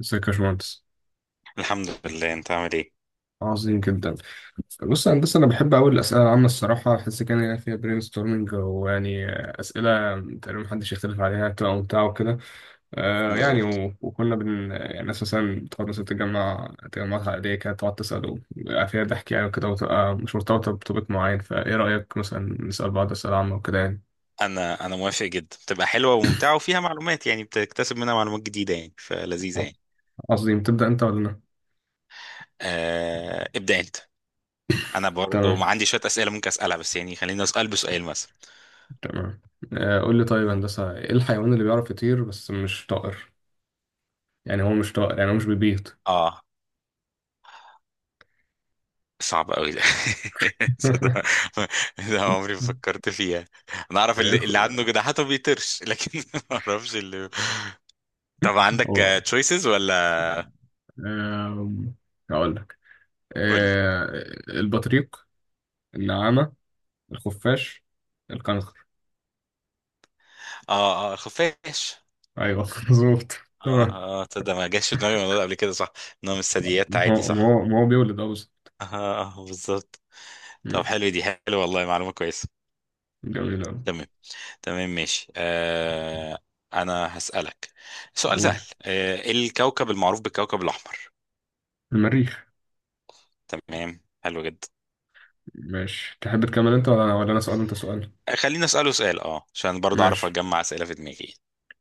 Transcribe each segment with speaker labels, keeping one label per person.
Speaker 1: ازيك يا باشمهندس.
Speaker 2: الحمد لله، انت عامل ايه؟
Speaker 1: عظيم جدا. بص يا هندسة، أنا بحب أوي الأسئلة العامة. الصراحة بحس كان يعني فيها برين ستورمنج، ويعني أسئلة تقريبا محدش يختلف عليها، بتبقى ممتعة وكده. آه يعني
Speaker 2: بالظبط.
Speaker 1: و... وكنا بن يعني الناس مثلا بتقعد، مثلا تجمعات عائلية كده، تقعد تسأل ويبقى فيها ضحك يعني وكده، وتبقى مش مرتبطة بتوبيك معين. فإيه رأيك مثلا نسأل بعض أسئلة عامة وكده يعني؟
Speaker 2: انا موافق جدا، بتبقى حلوه وممتعه وفيها معلومات، يعني بتكتسب منها معلومات جديده، يعني فلذيذه يعني.
Speaker 1: عظيم. تبدأ أنت ولا أنا؟
Speaker 2: ابدا انت. انا برضو
Speaker 1: تمام،
Speaker 2: ما عندي شويه اسئله ممكن اسالها، بس يعني خليني اسال بسؤال مثلا.
Speaker 1: تمام. قول لي طيب يا هندسة، إيه الحيوان اللي بيعرف يطير بس مش طائر؟ يعني هو مش طائر، يعني هو مش بيبيض.
Speaker 2: اه صعب قوي ده. صدق. ده عمري ما فكرت فيها. انا اعرف اللي عنده
Speaker 1: الخ-
Speaker 2: جناحات ما بيطيرش لكن ما اعرفش اللي. طب
Speaker 1: هو
Speaker 2: عندك تشويسز ولا؟
Speaker 1: آم، هقول لك
Speaker 2: قول لي.
Speaker 1: آه، البطريق، النعامة، الخفاش، الكنغر.
Speaker 2: اه اه، خفاش.
Speaker 1: ايوه مظبوط،
Speaker 2: اه
Speaker 1: تمام.
Speaker 2: اه، تصدق ما جاش في دماغي الموضوع ده قبل كده؟ صح. انه من الثدييات
Speaker 1: ما
Speaker 2: عادي،
Speaker 1: هو ما
Speaker 2: صح.
Speaker 1: هو ما هو بيولد اه، بس.
Speaker 2: اه اه، بالظبط. طب
Speaker 1: مم،
Speaker 2: حلو، دي حلو والله، معلومة كويسة.
Speaker 1: جميل أوي.
Speaker 2: تمام. تمام ماشي. انا هسألك سؤال سهل.
Speaker 1: قول.
Speaker 2: الكوكب المعروف بالكوكب الاحمر؟
Speaker 1: المريخ.
Speaker 2: تمام، حلو جدا.
Speaker 1: ماشي، تحب تكمل انت ولا انا سؤال انت سؤال؟
Speaker 2: خلينا اسأله سؤال، عشان برضه اعرف
Speaker 1: ماشي،
Speaker 2: اجمع اسئلة في دماغي.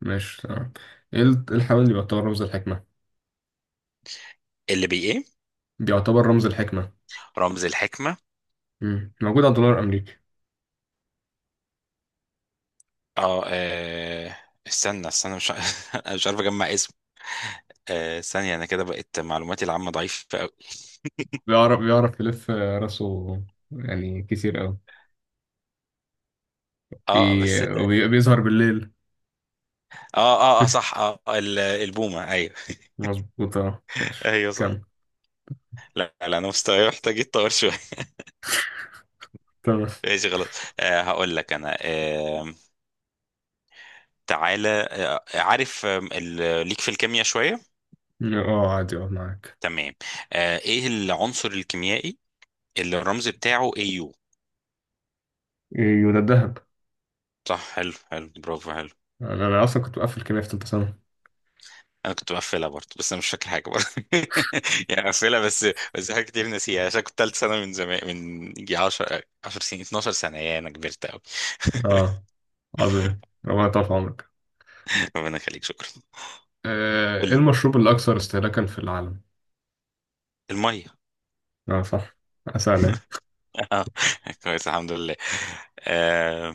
Speaker 1: ماشي، تمام. إيه الحيوان اللي بيعتبر رمز الحكمة؟
Speaker 2: اللي بي ايه؟
Speaker 1: بيعتبر رمز الحكمة.
Speaker 2: رمز الحكمة.
Speaker 1: موجود على الدولار الأمريكي.
Speaker 2: اه آه، استنى استنى، مش أنا مش عارف اجمع اسم. ثانية. انا كده بقت معلوماتي العامة ضعيفة قوي.
Speaker 1: بيعرف يلف راسه يعني كتير قوي.
Speaker 2: اه
Speaker 1: بي...
Speaker 2: بس.
Speaker 1: بيظهر بالليل.
Speaker 2: اه صح. البومة، ايوه.
Speaker 1: مظبوط، اه ماشي
Speaker 2: ايوه صح.
Speaker 1: كمل.
Speaker 2: لا لا، انا مستواي محتاج يتطور شوية.
Speaker 1: تمام،
Speaker 2: ماشي خلاص. هقول لك انا. تعالى عارف؟ ليك في الكيمياء شوية.
Speaker 1: اه عادي، اه معاك.
Speaker 2: تمام. ايه العنصر الكيميائي اللي الرمز بتاعه AU؟
Speaker 1: يبقى الذهب.
Speaker 2: صح، حلو حلو، برافو، حلو.
Speaker 1: انا اصلا كنت بقفل كيمياء في تالتة ثانوي.
Speaker 2: انا كنت بقفلها برضه، بس انا مش فاكر حاجة برضه. يعني بقفلها بس. بس حاجات كتير ناسيها، عشان كنت تالت سنة من زمان، من يجي 10 10 سنين، 12 سنة، يا انا كبرت قوي.
Speaker 1: اه عظيم، ربنا يطول في عمرك.
Speaker 2: ربنا يخليك، شكرا. قول
Speaker 1: ايه
Speaker 2: لي.
Speaker 1: المشروب الاكثر استهلاكا في العالم؟
Speaker 2: المية.
Speaker 1: اه صح. اسال ايه.
Speaker 2: آه، كويس، الحمد لله. أه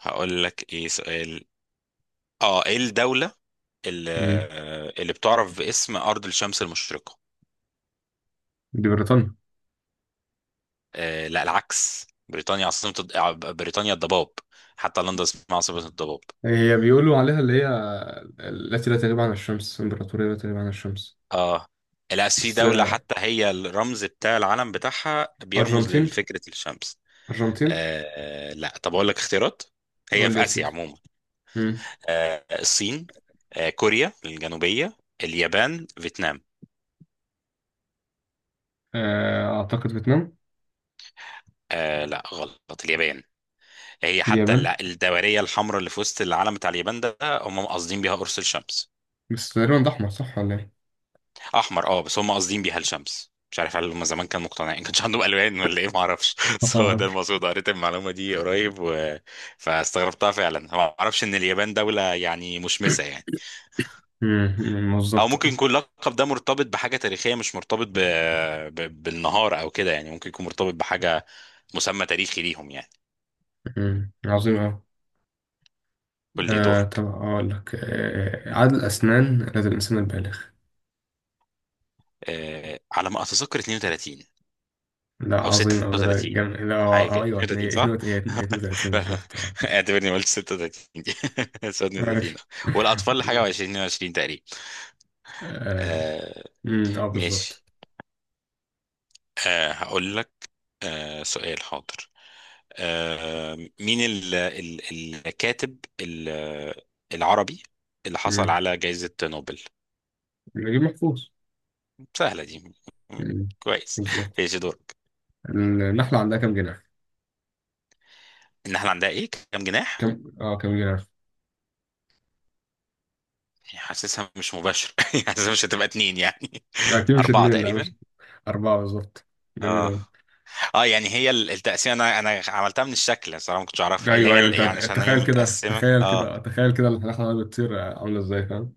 Speaker 2: هقول لك ايه سؤال. اه ايه الدولة اللي,
Speaker 1: مم.
Speaker 2: اللي بتعرف باسم أرض الشمس المشرقة؟
Speaker 1: دي بريطانيا.
Speaker 2: لا، العكس. بريطانيا عاصمة الض- آه، بريطانيا الضباب. حتى لندن اسمها عاصمة الضباب.
Speaker 1: هي بيقولوا عليها، اللي هي التي لا تغيب عن الشمس، امبراطورية لا تغيب عن الشمس.
Speaker 2: اه لا، في
Speaker 1: بس
Speaker 2: دولة
Speaker 1: آه،.
Speaker 2: حتى هي الرمز بتاع العلم بتاعها بيرمز
Speaker 1: أرجنتين،
Speaker 2: لفكرة الشمس.
Speaker 1: أرجنتين.
Speaker 2: لا، طب اقول لك اختيارات. هي
Speaker 1: قول لي
Speaker 2: في
Speaker 1: يا
Speaker 2: آسيا
Speaker 1: سيدي.
Speaker 2: عموما.
Speaker 1: مم.
Speaker 2: الصين، كوريا الجنوبية، اليابان، فيتنام.
Speaker 1: أعتقد فيتنام.
Speaker 2: لا، غلط، اليابان. هي حتى
Speaker 1: اليابان.
Speaker 2: الدورية الحمراء اللي في وسط العلم بتاع اليابان ده، هم قاصدين بيها قرص الشمس.
Speaker 1: بس تقريبا ده أحمر، صح ولا إيه؟
Speaker 2: احمر، بس هم قاصدين بيها الشمس. مش عارف هل هم زمان كانوا مقتنعين، كانش عندهم الوان ولا ايه، ما اعرفش. بس هو
Speaker 1: اه.
Speaker 2: ده المقصود، قريت المعلومة دي قريب فاستغربتها فعلا. ما اعرفش ان اليابان دولة يعني مشمسة يعني.
Speaker 1: مم، مم،
Speaker 2: او
Speaker 1: بالظبط.
Speaker 2: ممكن يكون اللقب ده مرتبط بحاجة تاريخية، مش مرتبط بالنهار او كده يعني. ممكن يكون مرتبط بحاجة، مسمى تاريخي ليهم يعني.
Speaker 1: عظيم أوي.
Speaker 2: قول لي
Speaker 1: طب
Speaker 2: دورك.
Speaker 1: أقول لك عدد الأسنان لدى الإنسان البالغ.
Speaker 2: على ما اتذكر 32.
Speaker 1: لا
Speaker 2: او
Speaker 1: عظيم أوي، ده
Speaker 2: 36،
Speaker 1: جميل. لا
Speaker 2: أو حاجه كده.
Speaker 1: أيوه
Speaker 2: 32، صح؟
Speaker 1: 32
Speaker 2: لا،
Speaker 1: بالظبط
Speaker 2: اعتبرني ما قلتش 36 دي. 32.
Speaker 1: ماشي
Speaker 2: والاطفال حاجه
Speaker 1: عظيم
Speaker 2: و20 22 تقريبا.
Speaker 1: أه
Speaker 2: آه.
Speaker 1: مم، آه، بالظبط.
Speaker 2: ماشي. هقول لك. سؤال حاضر. مين ال الكاتب العربي اللي حصل
Speaker 1: مم،
Speaker 2: على جائزة نوبل؟
Speaker 1: نجيب محفوظ.
Speaker 2: سهلة دي. م-
Speaker 1: مم،
Speaker 2: كويس.
Speaker 1: بالظبط.
Speaker 2: ايش دورك؟
Speaker 1: النحلة عندها كام جناح؟
Speaker 2: النحلة عندها ايه، كام جناح؟
Speaker 1: كم أه كام جناح؟
Speaker 2: حاسسها مش مباشر. حاسسها مش هتبقى اتنين يعني.
Speaker 1: أكيد مش
Speaker 2: أربعة
Speaker 1: اتنين، لا.
Speaker 2: تقريبا.
Speaker 1: أربعة بالظبط. جميل
Speaker 2: اه.
Speaker 1: أوي.
Speaker 2: اه يعني هي التقسيمه، انا عملتها من الشكل صراحه، ما كنتش اعرفها، اللي
Speaker 1: أيوه،
Speaker 2: هي
Speaker 1: أيوه. أنت
Speaker 2: يعني عشان هي
Speaker 1: تخيل كده،
Speaker 2: متقسمه.
Speaker 1: تخيل
Speaker 2: اه
Speaker 1: كده، تخيل كده، الحلقة دي بتصير عاملة إزاي، فاهم؟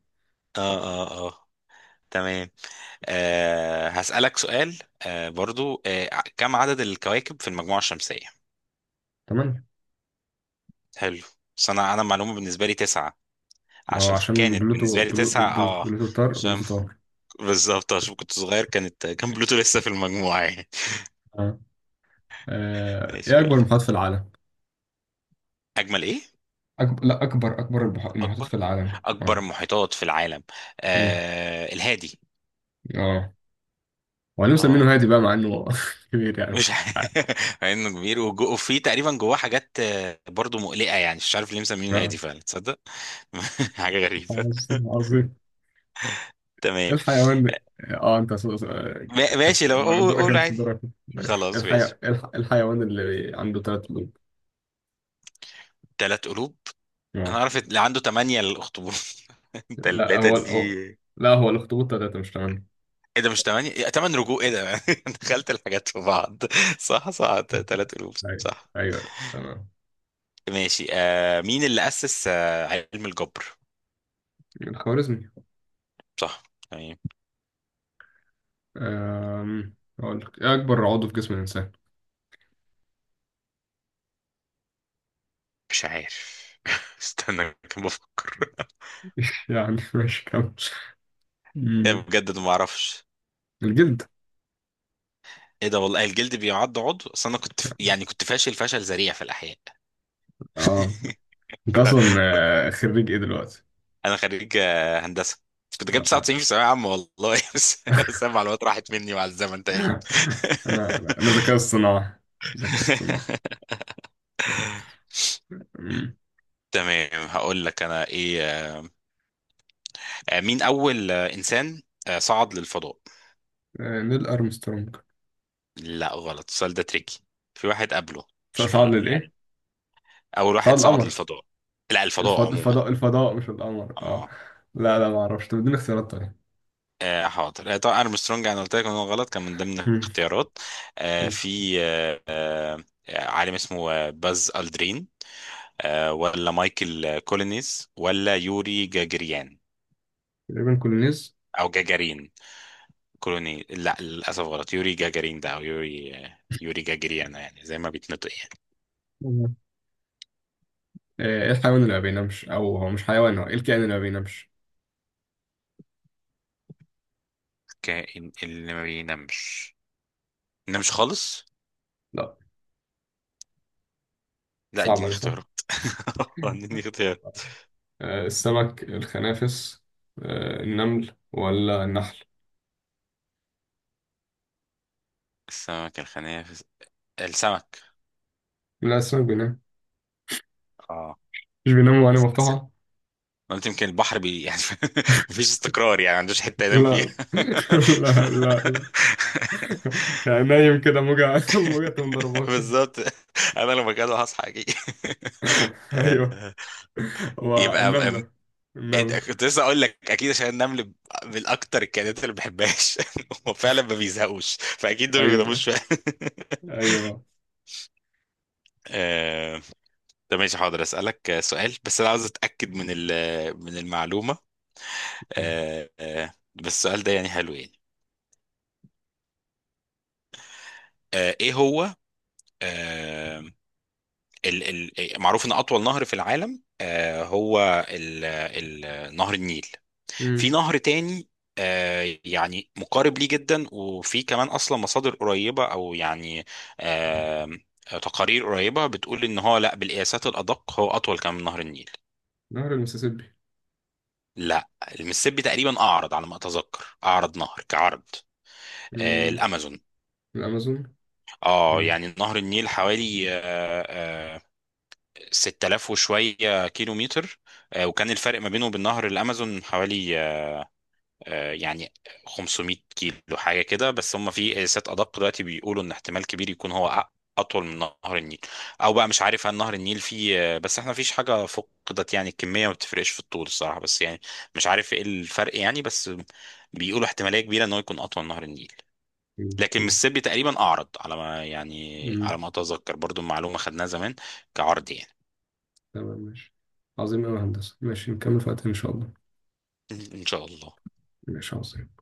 Speaker 2: اه اه اه تمام. هسألك سؤال. برضو. كم عدد الكواكب في المجموعه الشمسيه؟
Speaker 1: تمام.
Speaker 2: حلو. بس انا المعلومه بالنسبه لي تسعه.
Speaker 1: ما هو
Speaker 2: عشان
Speaker 1: عشان
Speaker 2: كانت
Speaker 1: بلوتو.
Speaker 2: بالنسبه لي
Speaker 1: بلو- بلو-
Speaker 2: تسعه.
Speaker 1: بلوتو
Speaker 2: اه
Speaker 1: بلوتو طار،
Speaker 2: عشان
Speaker 1: بلوتو طار.
Speaker 2: بالظبط. عشان كنت صغير كان بلوتو لسه في المجموعه يعني.
Speaker 1: أه.
Speaker 2: ماشي
Speaker 1: إيه
Speaker 2: قول
Speaker 1: أكبر
Speaker 2: لي.
Speaker 1: المحيطات في العالم؟
Speaker 2: اجمل ايه؟
Speaker 1: أكبر لا أكبر أكبر البح- المحيطات في
Speaker 2: اكبر
Speaker 1: العالم
Speaker 2: اكبر محيطات في العالم.
Speaker 1: مم.
Speaker 2: الهادي.
Speaker 1: أه. وبعدين
Speaker 2: اه
Speaker 1: مسمينه هادي بقى مع إنه كبير، يعني
Speaker 2: مش
Speaker 1: مش عارف.
Speaker 2: عارف. مع انه كبير وفي تقريبا جواه حاجات برضو مقلقه. يعني مش عارف ليه مسمينه الهادي
Speaker 1: آه.
Speaker 2: فعلا، تصدق. حاجه غريبه.
Speaker 1: عظيم، عظيم.
Speaker 2: تمام.
Speaker 1: إيه الحيوان ده؟ اه انت س- س- كانت-
Speaker 2: ماشي، لو
Speaker 1: ما
Speaker 2: قول
Speaker 1: دورك،
Speaker 2: قول
Speaker 1: انت
Speaker 2: عادي.
Speaker 1: دورك. ماشي،
Speaker 2: خلاص ماشي.
Speaker 1: إيه الحيوان اللي عنده ثلاث قلوب؟
Speaker 2: تلات قلوب. انا
Speaker 1: اه.
Speaker 2: عارف اللي عنده تمانية، الاخطبوط.
Speaker 1: لا
Speaker 2: التلاتة
Speaker 1: هو
Speaker 2: دي.
Speaker 1: هو- لا، هو الأخطبوط تلاتة مش تمانية.
Speaker 2: ايه ده، مش تمانية؟ إيه، تمن رجوع ايه ده؟ أنا دخلت الحاجات في بعض. صح صح، تلات قلوب،
Speaker 1: أيوه،
Speaker 2: صح.
Speaker 1: أيوه تمام.
Speaker 2: ماشي. مين اللي أسس علم الجبر؟
Speaker 1: الخوارزمي.
Speaker 2: صح، تمام.
Speaker 1: أقول لك، إيه أكبر عضو في جسم الإنسان؟
Speaker 2: مش عارف. استنى كم بفكر.
Speaker 1: يعني ماشي كمل.
Speaker 2: إيه،
Speaker 1: أمم،
Speaker 2: بجد ما اعرفش.
Speaker 1: الجلد.
Speaker 2: ايه ده، والله الجلد بيعد عضو؟ اصل انا كنت يعني كنت فاشل فشل ذريع في الاحياء.
Speaker 1: اه انت اصلا آه،، خريج ايه دلوقتي؟
Speaker 2: انا خريج هندسه. كنت جايب
Speaker 1: لا.
Speaker 2: 99 في ثانويه عامه، والله. بس بس المعلومات راحت مني مع الزمن تقريبا.
Speaker 1: انا ذكاء اصطناعي، ذكاء اصطناعي. أمم.
Speaker 2: تمام. هقول لك انا ايه. مين اول انسان صعد للفضاء؟
Speaker 1: نيل ارمسترونج.
Speaker 2: لا، غلط، السؤال ده تريكي، في واحد قبله، مش
Speaker 1: صعد
Speaker 2: مهم
Speaker 1: للايه؟
Speaker 2: يعني. اول
Speaker 1: صعد
Speaker 2: واحد صعد
Speaker 1: القمر.
Speaker 2: للفضاء. لا، الفضاء
Speaker 1: الفضاء،
Speaker 2: عموما.
Speaker 1: الفضاء، الفضاء، مش القمر، اه.
Speaker 2: اه.
Speaker 1: لا، لا، ما اعرفش، طب اديني اختيارات تانية.
Speaker 2: حاضر. طبعا ارمسترونج انا قلت لك ان هو غلط، كان من ضمن الاختيارات. في عالم اسمه باز الدرين. ولا مايكل كولينيز، ولا يوري جاجريان.
Speaker 1: تقريبا كولونيز.
Speaker 2: او جاجارين. كولوني، لا للاسف غلط. يوري جاجارين ده، او يوري جاجريان، يعني زي ما بيتنطق يعني.
Speaker 1: مم. ايه الحيوان اللي ما بينامش، او هو مش حيوان، هو ايه الكائن اللي ما بينامش؟
Speaker 2: كائن اللي ما بينامش. نمش خالص.
Speaker 1: لا.
Speaker 2: لا،
Speaker 1: صعبة
Speaker 2: اديني
Speaker 1: دي صح.
Speaker 2: اختيارات. اديني اختيار.
Speaker 1: السمك، الخنافس، النمل ولا النحل؟
Speaker 2: السمك الخنافس. السمك.
Speaker 1: لا السمك بينام.
Speaker 2: اه
Speaker 1: مش بينام وعينه مفتوحة.
Speaker 2: قلت يمكن البحر بي يعني. مفيش استقرار يعني، ما عندوش حته ينام فيها.
Speaker 1: لا لا، لا، لا. يعني نايم كده، موجة موجة تقوم ضرباه كده.
Speaker 2: بالظبط. انا لو مكانه هصحى اكيد.
Speaker 1: ايوه.
Speaker 2: آه،
Speaker 1: هو
Speaker 2: يبقى أم-
Speaker 1: النملة، النمل.
Speaker 2: كنت لسه اقول لك اكيد عشان النمل من اكتر الكائنات اللي ما بحبهاش. هو فعلا ما بيزهقوش، فاكيد دول ما بيناموش
Speaker 1: ايوه،
Speaker 2: فعلا.
Speaker 1: ايوه.
Speaker 2: آه، طب ماشي، حاضر اسالك سؤال، بس انا عاوز اتاكد من من المعلومه. بس السؤال ده يعني حلو يعني. ايه هو. آه، ال ال معروف ان اطول نهر في العالم هو ال نهر النيل. في
Speaker 1: مم.
Speaker 2: نهر تاني يعني مقارب ليه جدا، وفي كمان اصلا مصادر قريبه، او يعني آه، تقارير قريبه بتقول ان هو لا، بالقياسات الادق هو اطول كمان من نهر النيل.
Speaker 1: نهر المسيسيبي.
Speaker 2: لا، المسيسيبي تقريبا اعرض، على ما اتذكر، اعرض نهر كعرض.
Speaker 1: مم.
Speaker 2: الامازون.
Speaker 1: الامازون.
Speaker 2: اه، يعني نهر النيل حوالي آه، 6000 وشوية كيلو متر، وكان الفرق ما بينه وبين نهر الأمازون حوالي آه، يعني 500 كيلو حاجة كده، بس هم في قياسات أدق دلوقتي بيقولوا إن احتمال كبير يكون هو أطول من نهر النيل. أو بقى مش عارف هل نهر النيل فيه بس احنا مفيش حاجة فقدت يعني، الكمية ما بتفرقش في الطول الصراحة، بس يعني مش عارف إيه الفرق يعني. بس بيقولوا احتمالية كبيرة إن هو يكون أطول من نهر النيل.
Speaker 1: مم.
Speaker 2: لكن
Speaker 1: ماشي.
Speaker 2: مississippi تقريبا أعرض، على ما يعني، على
Speaker 1: مم.
Speaker 2: ما أتذكر برضو، معلومة خدناها زمان، كعرض يعني.
Speaker 1: تمام ماشي. عظيم أوي يا هندسة، ماشي نكمل في وقت إن شاء الله.
Speaker 2: إن شاء الله.
Speaker 1: ماشي، عظيم.